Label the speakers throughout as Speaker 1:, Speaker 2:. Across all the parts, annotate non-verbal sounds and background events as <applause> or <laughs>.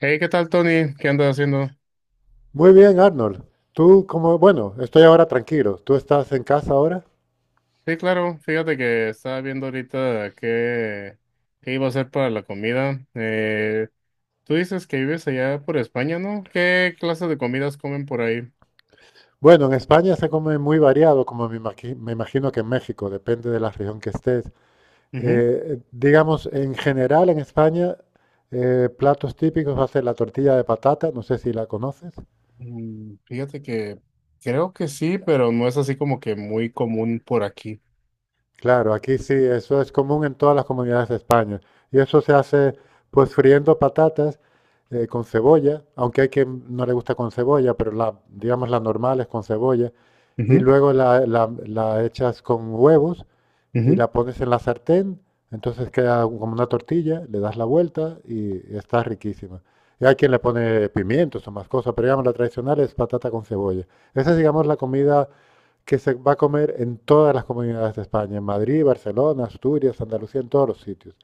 Speaker 1: Hey, ¿qué tal, Tony? ¿Qué andas haciendo?
Speaker 2: Muy bien, Arnold. Tú como, bueno, estoy ahora tranquilo. ¿Tú estás en casa ahora?
Speaker 1: Sí, claro, fíjate que estaba viendo ahorita qué, qué iba a hacer para la comida. Tú dices que vives allá por España, ¿no? ¿Qué clase de comidas comen por ahí?
Speaker 2: Bueno, en España se come muy variado, como me imagino que en México, depende de la región que estés.
Speaker 1: Ujú.
Speaker 2: Digamos, en general en España, platos típicos va a ser la tortilla de patata, no sé si la conoces.
Speaker 1: Fíjate que creo que sí, pero no es así como que muy común por aquí.
Speaker 2: Claro, aquí sí, eso es común en todas las comunidades de España. Y eso se hace pues friendo patatas con cebolla, aunque hay quien no le gusta con cebolla, pero digamos la normal es con cebolla. Y
Speaker 1: Ujú,
Speaker 2: luego la echas con huevos y
Speaker 1: ujú.
Speaker 2: la pones en la sartén, entonces queda como una tortilla, le das la vuelta y está riquísima. Y hay quien le pone pimientos o más cosas, pero digamos la tradicional es patata con cebolla. Esa es, digamos, la comida que se va a comer en todas las comunidades de España, en Madrid, Barcelona, Asturias, Andalucía, en todos los sitios.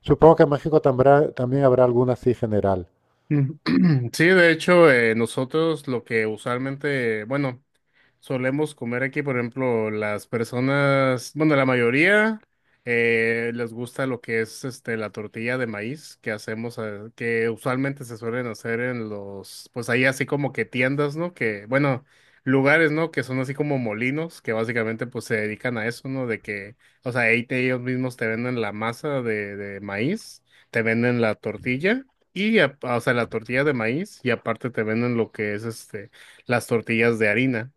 Speaker 2: Supongo que en México también habrá alguna así general.
Speaker 1: Ujú. <clears throat> Sí, de hecho, nosotros lo que usualmente, bueno, solemos comer aquí, por ejemplo, las personas, bueno, la mayoría les gusta lo que es este la tortilla de maíz que hacemos, que usualmente se suelen hacer en los, pues ahí así como que tiendas, ¿no? Que, bueno, lugares, ¿no? Que son así como molinos, que básicamente pues se dedican a eso, ¿no? De que, o sea, ellos mismos te venden la masa de maíz, te venden la tortilla. Y, o sea, la tortilla de maíz y aparte te venden lo que es este, las tortillas de harina.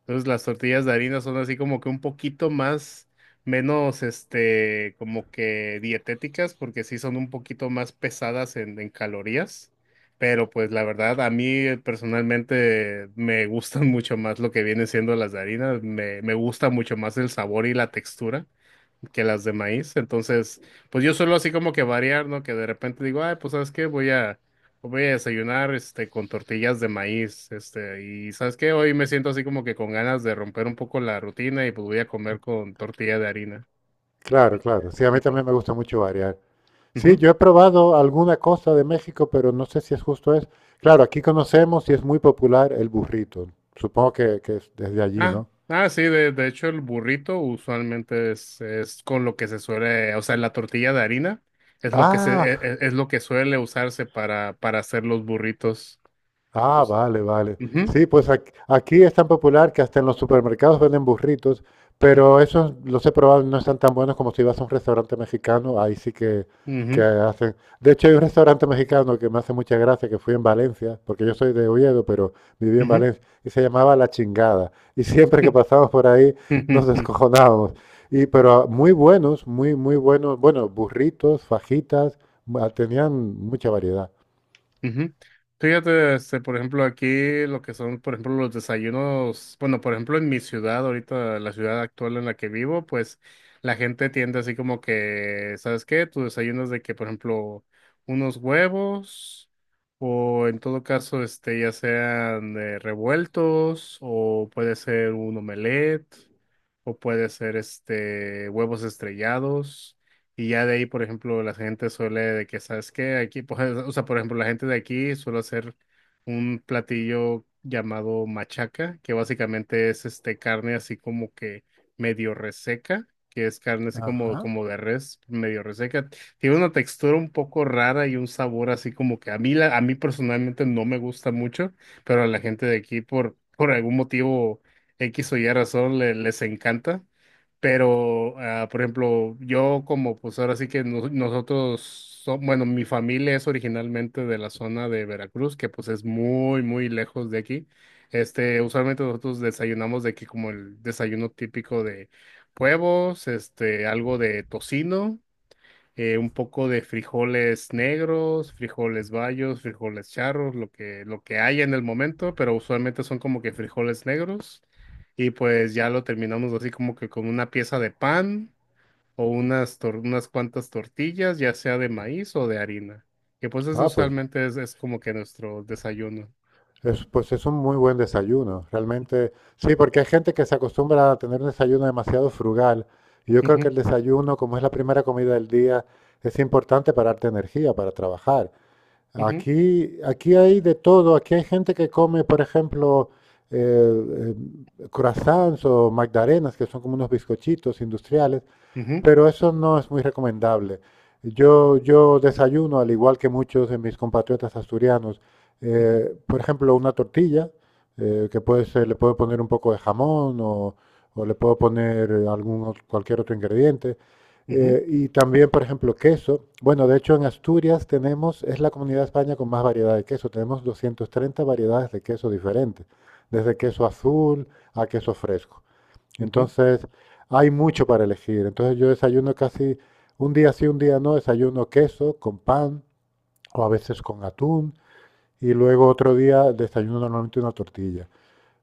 Speaker 1: Entonces las tortillas de harina son así como que un poquito más, menos, este, como que dietéticas porque sí son un poquito más pesadas en calorías. Pero pues la verdad, a mí personalmente me <laughs> gustan mucho más lo que vienen siendo las de harina. Me gusta mucho más el sabor y la textura que las de maíz. Entonces, pues yo suelo así como que variar, ¿no? Que de repente digo, ay, pues ¿sabes qué? Voy a desayunar, este, con tortillas de maíz, este, y ¿sabes qué? Hoy me siento así como que con ganas de romper un poco la rutina y pues voy a comer con tortilla de harina.
Speaker 2: Claro, claro. Sí, a mí
Speaker 1: Ok.
Speaker 2: también me gusta mucho variar. Sí,
Speaker 1: Ujú.
Speaker 2: yo he probado alguna cosa de México, pero no sé si es justo es. Claro, aquí conocemos y es muy popular el burrito. Supongo que es desde allí,
Speaker 1: Ah,
Speaker 2: ¿no?
Speaker 1: ah, sí, de hecho el burrito usualmente es con lo que se suele, o sea, la tortilla de harina es lo que se,
Speaker 2: Ah,
Speaker 1: es, lo que suele usarse para hacer los burritos.
Speaker 2: Ah,
Speaker 1: Pues,
Speaker 2: vale, vale.
Speaker 1: ujú,
Speaker 2: Sí, pues aquí, es tan popular que hasta en los supermercados venden burritos, pero esos los he probado y no están tan buenos como si vas a un restaurante mexicano, ahí sí que
Speaker 1: ujú,
Speaker 2: hacen. De hecho, hay un restaurante mexicano que me hace mucha gracia, que fui en Valencia, porque yo soy de Oviedo, pero viví en
Speaker 1: ujú.
Speaker 2: Valencia, y se llamaba La Chingada. Y siempre que
Speaker 1: <laughs>
Speaker 2: pasábamos por ahí nos
Speaker 1: <laughs>
Speaker 2: descojonábamos. Y, pero muy buenos, muy buenos, bueno, burritos, fajitas, tenían mucha variedad.
Speaker 1: Ujú. Fíjate, este, por ejemplo, aquí lo que son, por ejemplo, los desayunos, bueno, por ejemplo, en mi ciudad, ahorita, la ciudad actual en la que vivo, pues la gente tiende así como que, ¿sabes qué? Tu desayuno es de que, por ejemplo, unos huevos o en todo caso, este, ya sean revueltos o puede ser un omelette o puede ser, este, huevos estrellados. Y ya de ahí, por ejemplo, la gente suele de que, ¿sabes qué? Aquí, pues, <laughs> o sea, por ejemplo, la gente de aquí suele hacer un platillo llamado machaca, que básicamente es este carne así como que medio reseca, que es carne así como,
Speaker 2: Ajá.
Speaker 1: como de res, medio reseca. Tiene una textura un poco rara y un sabor así como que a mí, la, a mí personalmente no me gusta mucho, pero a la gente de aquí por algún motivo X o Y razón les encanta. Pero, ah, por ejemplo, yo como pues ahora sí que nosotros, bueno, mi familia es originalmente de la zona de Veracruz, que pues es muy, muy lejos de aquí. Este, usualmente nosotros desayunamos de aquí como el desayuno típico de huevos, este, algo de tocino un poco de frijoles negros, frijoles bayos, frijoles charros, lo que haya en el momento, pero usualmente son como que frijoles negros. Y pues ya lo terminamos así como que con una pieza de pan o unas, unas cuantas tortillas, ya sea de maíz o de harina. Que pues eso
Speaker 2: Ah, pues
Speaker 1: usualmente es como que nuestro desayuno.
Speaker 2: Pues es un muy buen desayuno, realmente. Sí, porque hay gente que se acostumbra a tener un desayuno demasiado frugal. Y yo creo que
Speaker 1: Ujú,
Speaker 2: el desayuno, como es la primera comida del día, es importante para darte energía, para trabajar.
Speaker 1: ujú,
Speaker 2: Aquí, aquí hay de todo. Aquí hay gente que come, por ejemplo, eh, croissants o magdalenas, que son como unos bizcochitos industriales,
Speaker 1: ujú,
Speaker 2: pero eso no es muy recomendable. Yo desayuno, al igual que muchos de mis compatriotas asturianos,
Speaker 1: ujú,
Speaker 2: por ejemplo, una tortilla, que le puedo poner un poco de jamón o le puedo poner algún, cualquier otro ingrediente.
Speaker 1: ujú,
Speaker 2: Y también, por ejemplo, queso. Bueno, de hecho, en Asturias tenemos, es la comunidad de España con más variedad de queso. Tenemos 230 variedades de queso diferentes, desde queso azul a queso fresco.
Speaker 1: ujú,
Speaker 2: Entonces, hay mucho para elegir. Entonces, yo desayuno casi un día sí, un día no, desayuno queso con pan o a veces con atún y luego otro día desayuno normalmente una tortilla,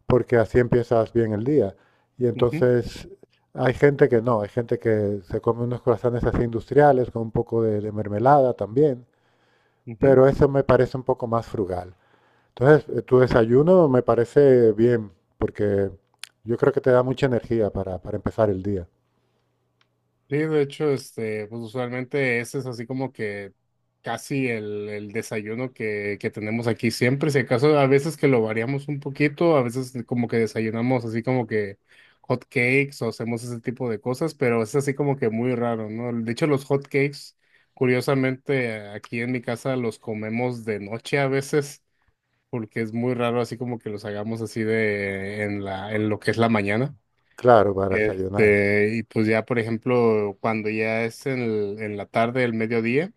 Speaker 2: porque así empiezas bien el día. Y
Speaker 1: ujú,
Speaker 2: entonces hay gente que no, hay gente que se come unos croissants así industriales con un poco de mermelada también,
Speaker 1: ujú,
Speaker 2: pero eso me parece un poco más frugal. Entonces, tu desayuno me parece bien, porque yo creo que te da mucha energía para empezar el día.
Speaker 1: sí, de hecho, este, pues usualmente ese es así como que casi el desayuno que tenemos aquí siempre. Si acaso a veces que lo variamos un poquito, a veces como que desayunamos así como que hot cakes o hacemos ese tipo de cosas, pero es así como que muy raro, ¿no? De hecho, los hot cakes, curiosamente, aquí en mi casa los comemos de noche a veces, porque es muy raro así como que los hagamos así de en lo que es la mañana.
Speaker 2: Claro, para desayunar.
Speaker 1: Este, y pues ya, por ejemplo, cuando ya es en la tarde, el mediodía,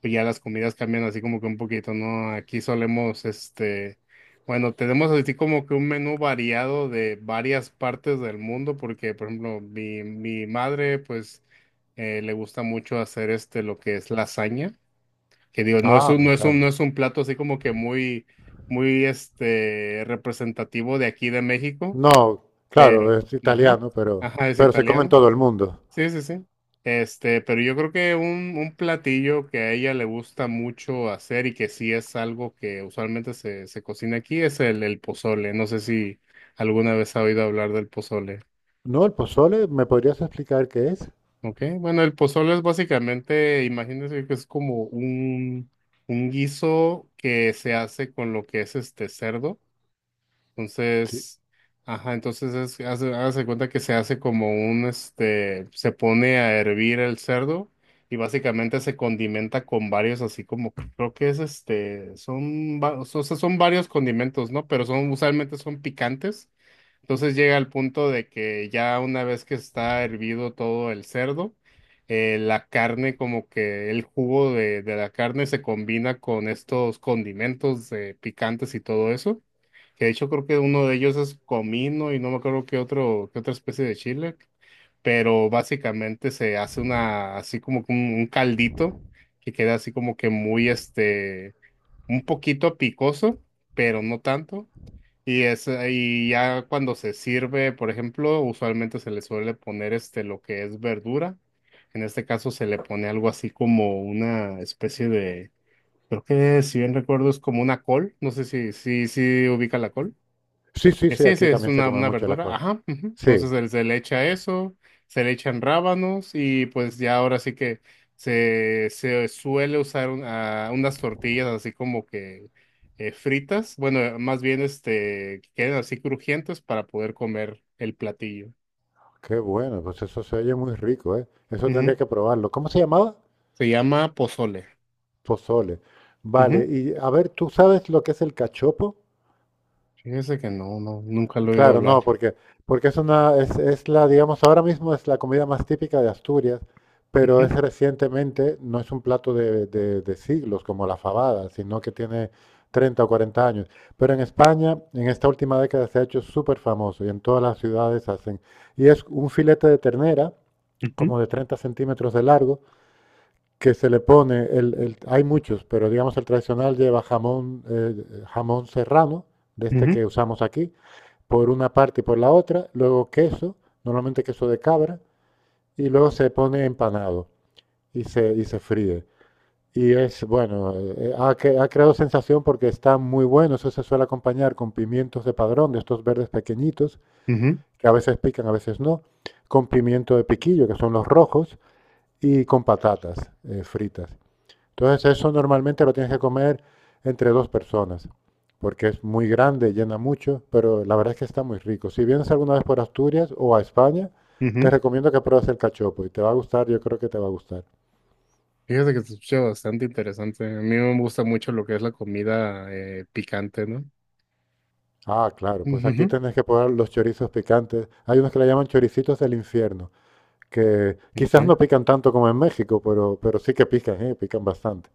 Speaker 1: pues ya las comidas cambian así como que un poquito, ¿no? Aquí solemos, este, bueno, tenemos así como que un menú variado de varias partes del mundo, porque, por ejemplo, mi madre, pues, le gusta mucho hacer este, lo que es lasaña, que digo,
Speaker 2: Ah, me
Speaker 1: no
Speaker 2: encanta.
Speaker 1: es un plato así como que muy, muy, este, representativo de aquí de México,
Speaker 2: No, claro,
Speaker 1: pero,
Speaker 2: es
Speaker 1: ajá,
Speaker 2: italiano,
Speaker 1: ajá, es
Speaker 2: pero se come en
Speaker 1: italiano.
Speaker 2: todo el mundo.
Speaker 1: Sí, sí, sí. Este, pero yo creo que un platillo que a ella le gusta mucho hacer y que sí es algo que usualmente se cocina aquí es el pozole. No sé si alguna vez ha oído hablar del pozole.
Speaker 2: No, el pozole, ¿me podrías explicar qué es?
Speaker 1: ¿Ok? Bueno, el pozole es básicamente, imagínense que es como un guiso que se hace con lo que es este cerdo.
Speaker 2: Sí,
Speaker 1: Entonces, ajá, entonces es, hace, hágase cuenta que se hace como un, este, se pone a hervir el cerdo y básicamente se condimenta con varios, así como, que creo que es este, son, o sea, son varios condimentos, ¿no? Pero son, usualmente son picantes. Entonces llega al punto de que ya una vez que está hervido todo el cerdo, la carne, como que el jugo de la carne se combina con estos condimentos picantes y todo eso. Que de hecho creo que uno de ellos es comino y no me acuerdo qué otro, qué otra especie de chile, pero básicamente se hace una, así como que un caldito que queda así como que muy, este, un poquito picoso, pero no tanto. Y es, y ya cuando se sirve, por ejemplo, usualmente se le suele poner este, lo que es verdura. En este caso se le pone algo así como una especie de, creo que si bien recuerdo es como una col, no sé si ubica la col.
Speaker 2: sí, sí, sí,
Speaker 1: Sí, sí,
Speaker 2: aquí
Speaker 1: es
Speaker 2: también se come
Speaker 1: una
Speaker 2: mucho la
Speaker 1: verdura,
Speaker 2: col.
Speaker 1: ajá. Ujú.
Speaker 2: Sí,
Speaker 1: Entonces se le echa eso, se le echan rábanos y pues ya ahora sí que se suele usar ah, unas tortillas así como que fritas, bueno, más bien este, que queden así crujientes para poder comer el platillo.
Speaker 2: qué bueno, pues eso se oye muy rico, ¿eh? Eso tendría
Speaker 1: Ujú.
Speaker 2: que probarlo. ¿Cómo se llamaba?
Speaker 1: Se llama pozole.
Speaker 2: Pozole. Vale,
Speaker 1: Ujú.
Speaker 2: y a ver, ¿tú sabes lo que es el cachopo?
Speaker 1: Fíjese que no, no, nunca lo he oído
Speaker 2: Claro,
Speaker 1: hablar.
Speaker 2: no, porque, porque es una, es la, digamos, ahora mismo es la comida más típica de Asturias, pero es
Speaker 1: Ujú,
Speaker 2: recientemente, no es un plato de, de siglos como la fabada, sino que tiene 30 o 40 años. Pero en España, en esta última década se ha hecho súper famoso y en todas las ciudades hacen. Y es un filete de ternera,
Speaker 1: ujú,
Speaker 2: como de 30 centímetros de largo, que se le pone, hay muchos, pero digamos el tradicional lleva jamón, jamón serrano, de este
Speaker 1: ujú,
Speaker 2: que usamos aquí por una parte y por la otra, luego queso, normalmente queso de cabra, y luego se pone empanado y se fríe. Y es, bueno, ha creado sensación porque está muy bueno, eso se suele acompañar con pimientos de padrón, de estos verdes pequeñitos,
Speaker 1: ujú,
Speaker 2: que a veces pican, a veces no, con pimiento de piquillo, que son los rojos, y con patatas fritas. Entonces eso normalmente lo tienes que comer entre dos personas, porque es muy grande, llena mucho, pero la verdad es que está muy rico. Si vienes alguna vez por Asturias o a España, te
Speaker 1: ujú.
Speaker 2: recomiendo que pruebes el cachopo y te va a gustar, yo creo que te va a gustar.
Speaker 1: Fíjate que se escucha bastante interesante. A mí me gusta mucho lo que es la comida picante, ¿no?
Speaker 2: Ah, claro, pues aquí
Speaker 1: Ujujú,
Speaker 2: tenés que probar los chorizos picantes. Hay unos que le llaman choricitos del infierno, que quizás
Speaker 1: okay.
Speaker 2: no pican tanto como en México, pero sí que pican, ¿eh? Pican bastante.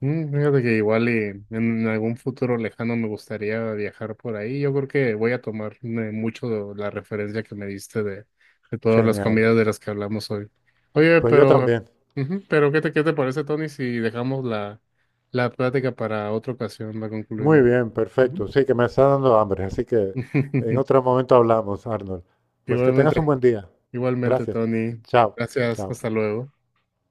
Speaker 1: Fíjate que igual y en algún futuro lejano me gustaría viajar por ahí. Yo creo que voy a tomar mucho la referencia que me diste de todas las
Speaker 2: Genial.
Speaker 1: comidas de las que hablamos hoy. Oye,
Speaker 2: Pues yo
Speaker 1: pero,
Speaker 2: también.
Speaker 1: ujú, pero qué te parece, Tony, si dejamos la plática para otra ocasión, la
Speaker 2: Muy
Speaker 1: concluimos?
Speaker 2: bien,
Speaker 1: Ujú.
Speaker 2: perfecto. Sí, que me está dando hambre, así que en
Speaker 1: <laughs>
Speaker 2: otro momento hablamos, Arnold. Pues que tengas un
Speaker 1: Igualmente,
Speaker 2: buen día.
Speaker 1: igualmente,
Speaker 2: Gracias.
Speaker 1: Tony.
Speaker 2: Chao,
Speaker 1: Gracias,
Speaker 2: chao.
Speaker 1: hasta luego.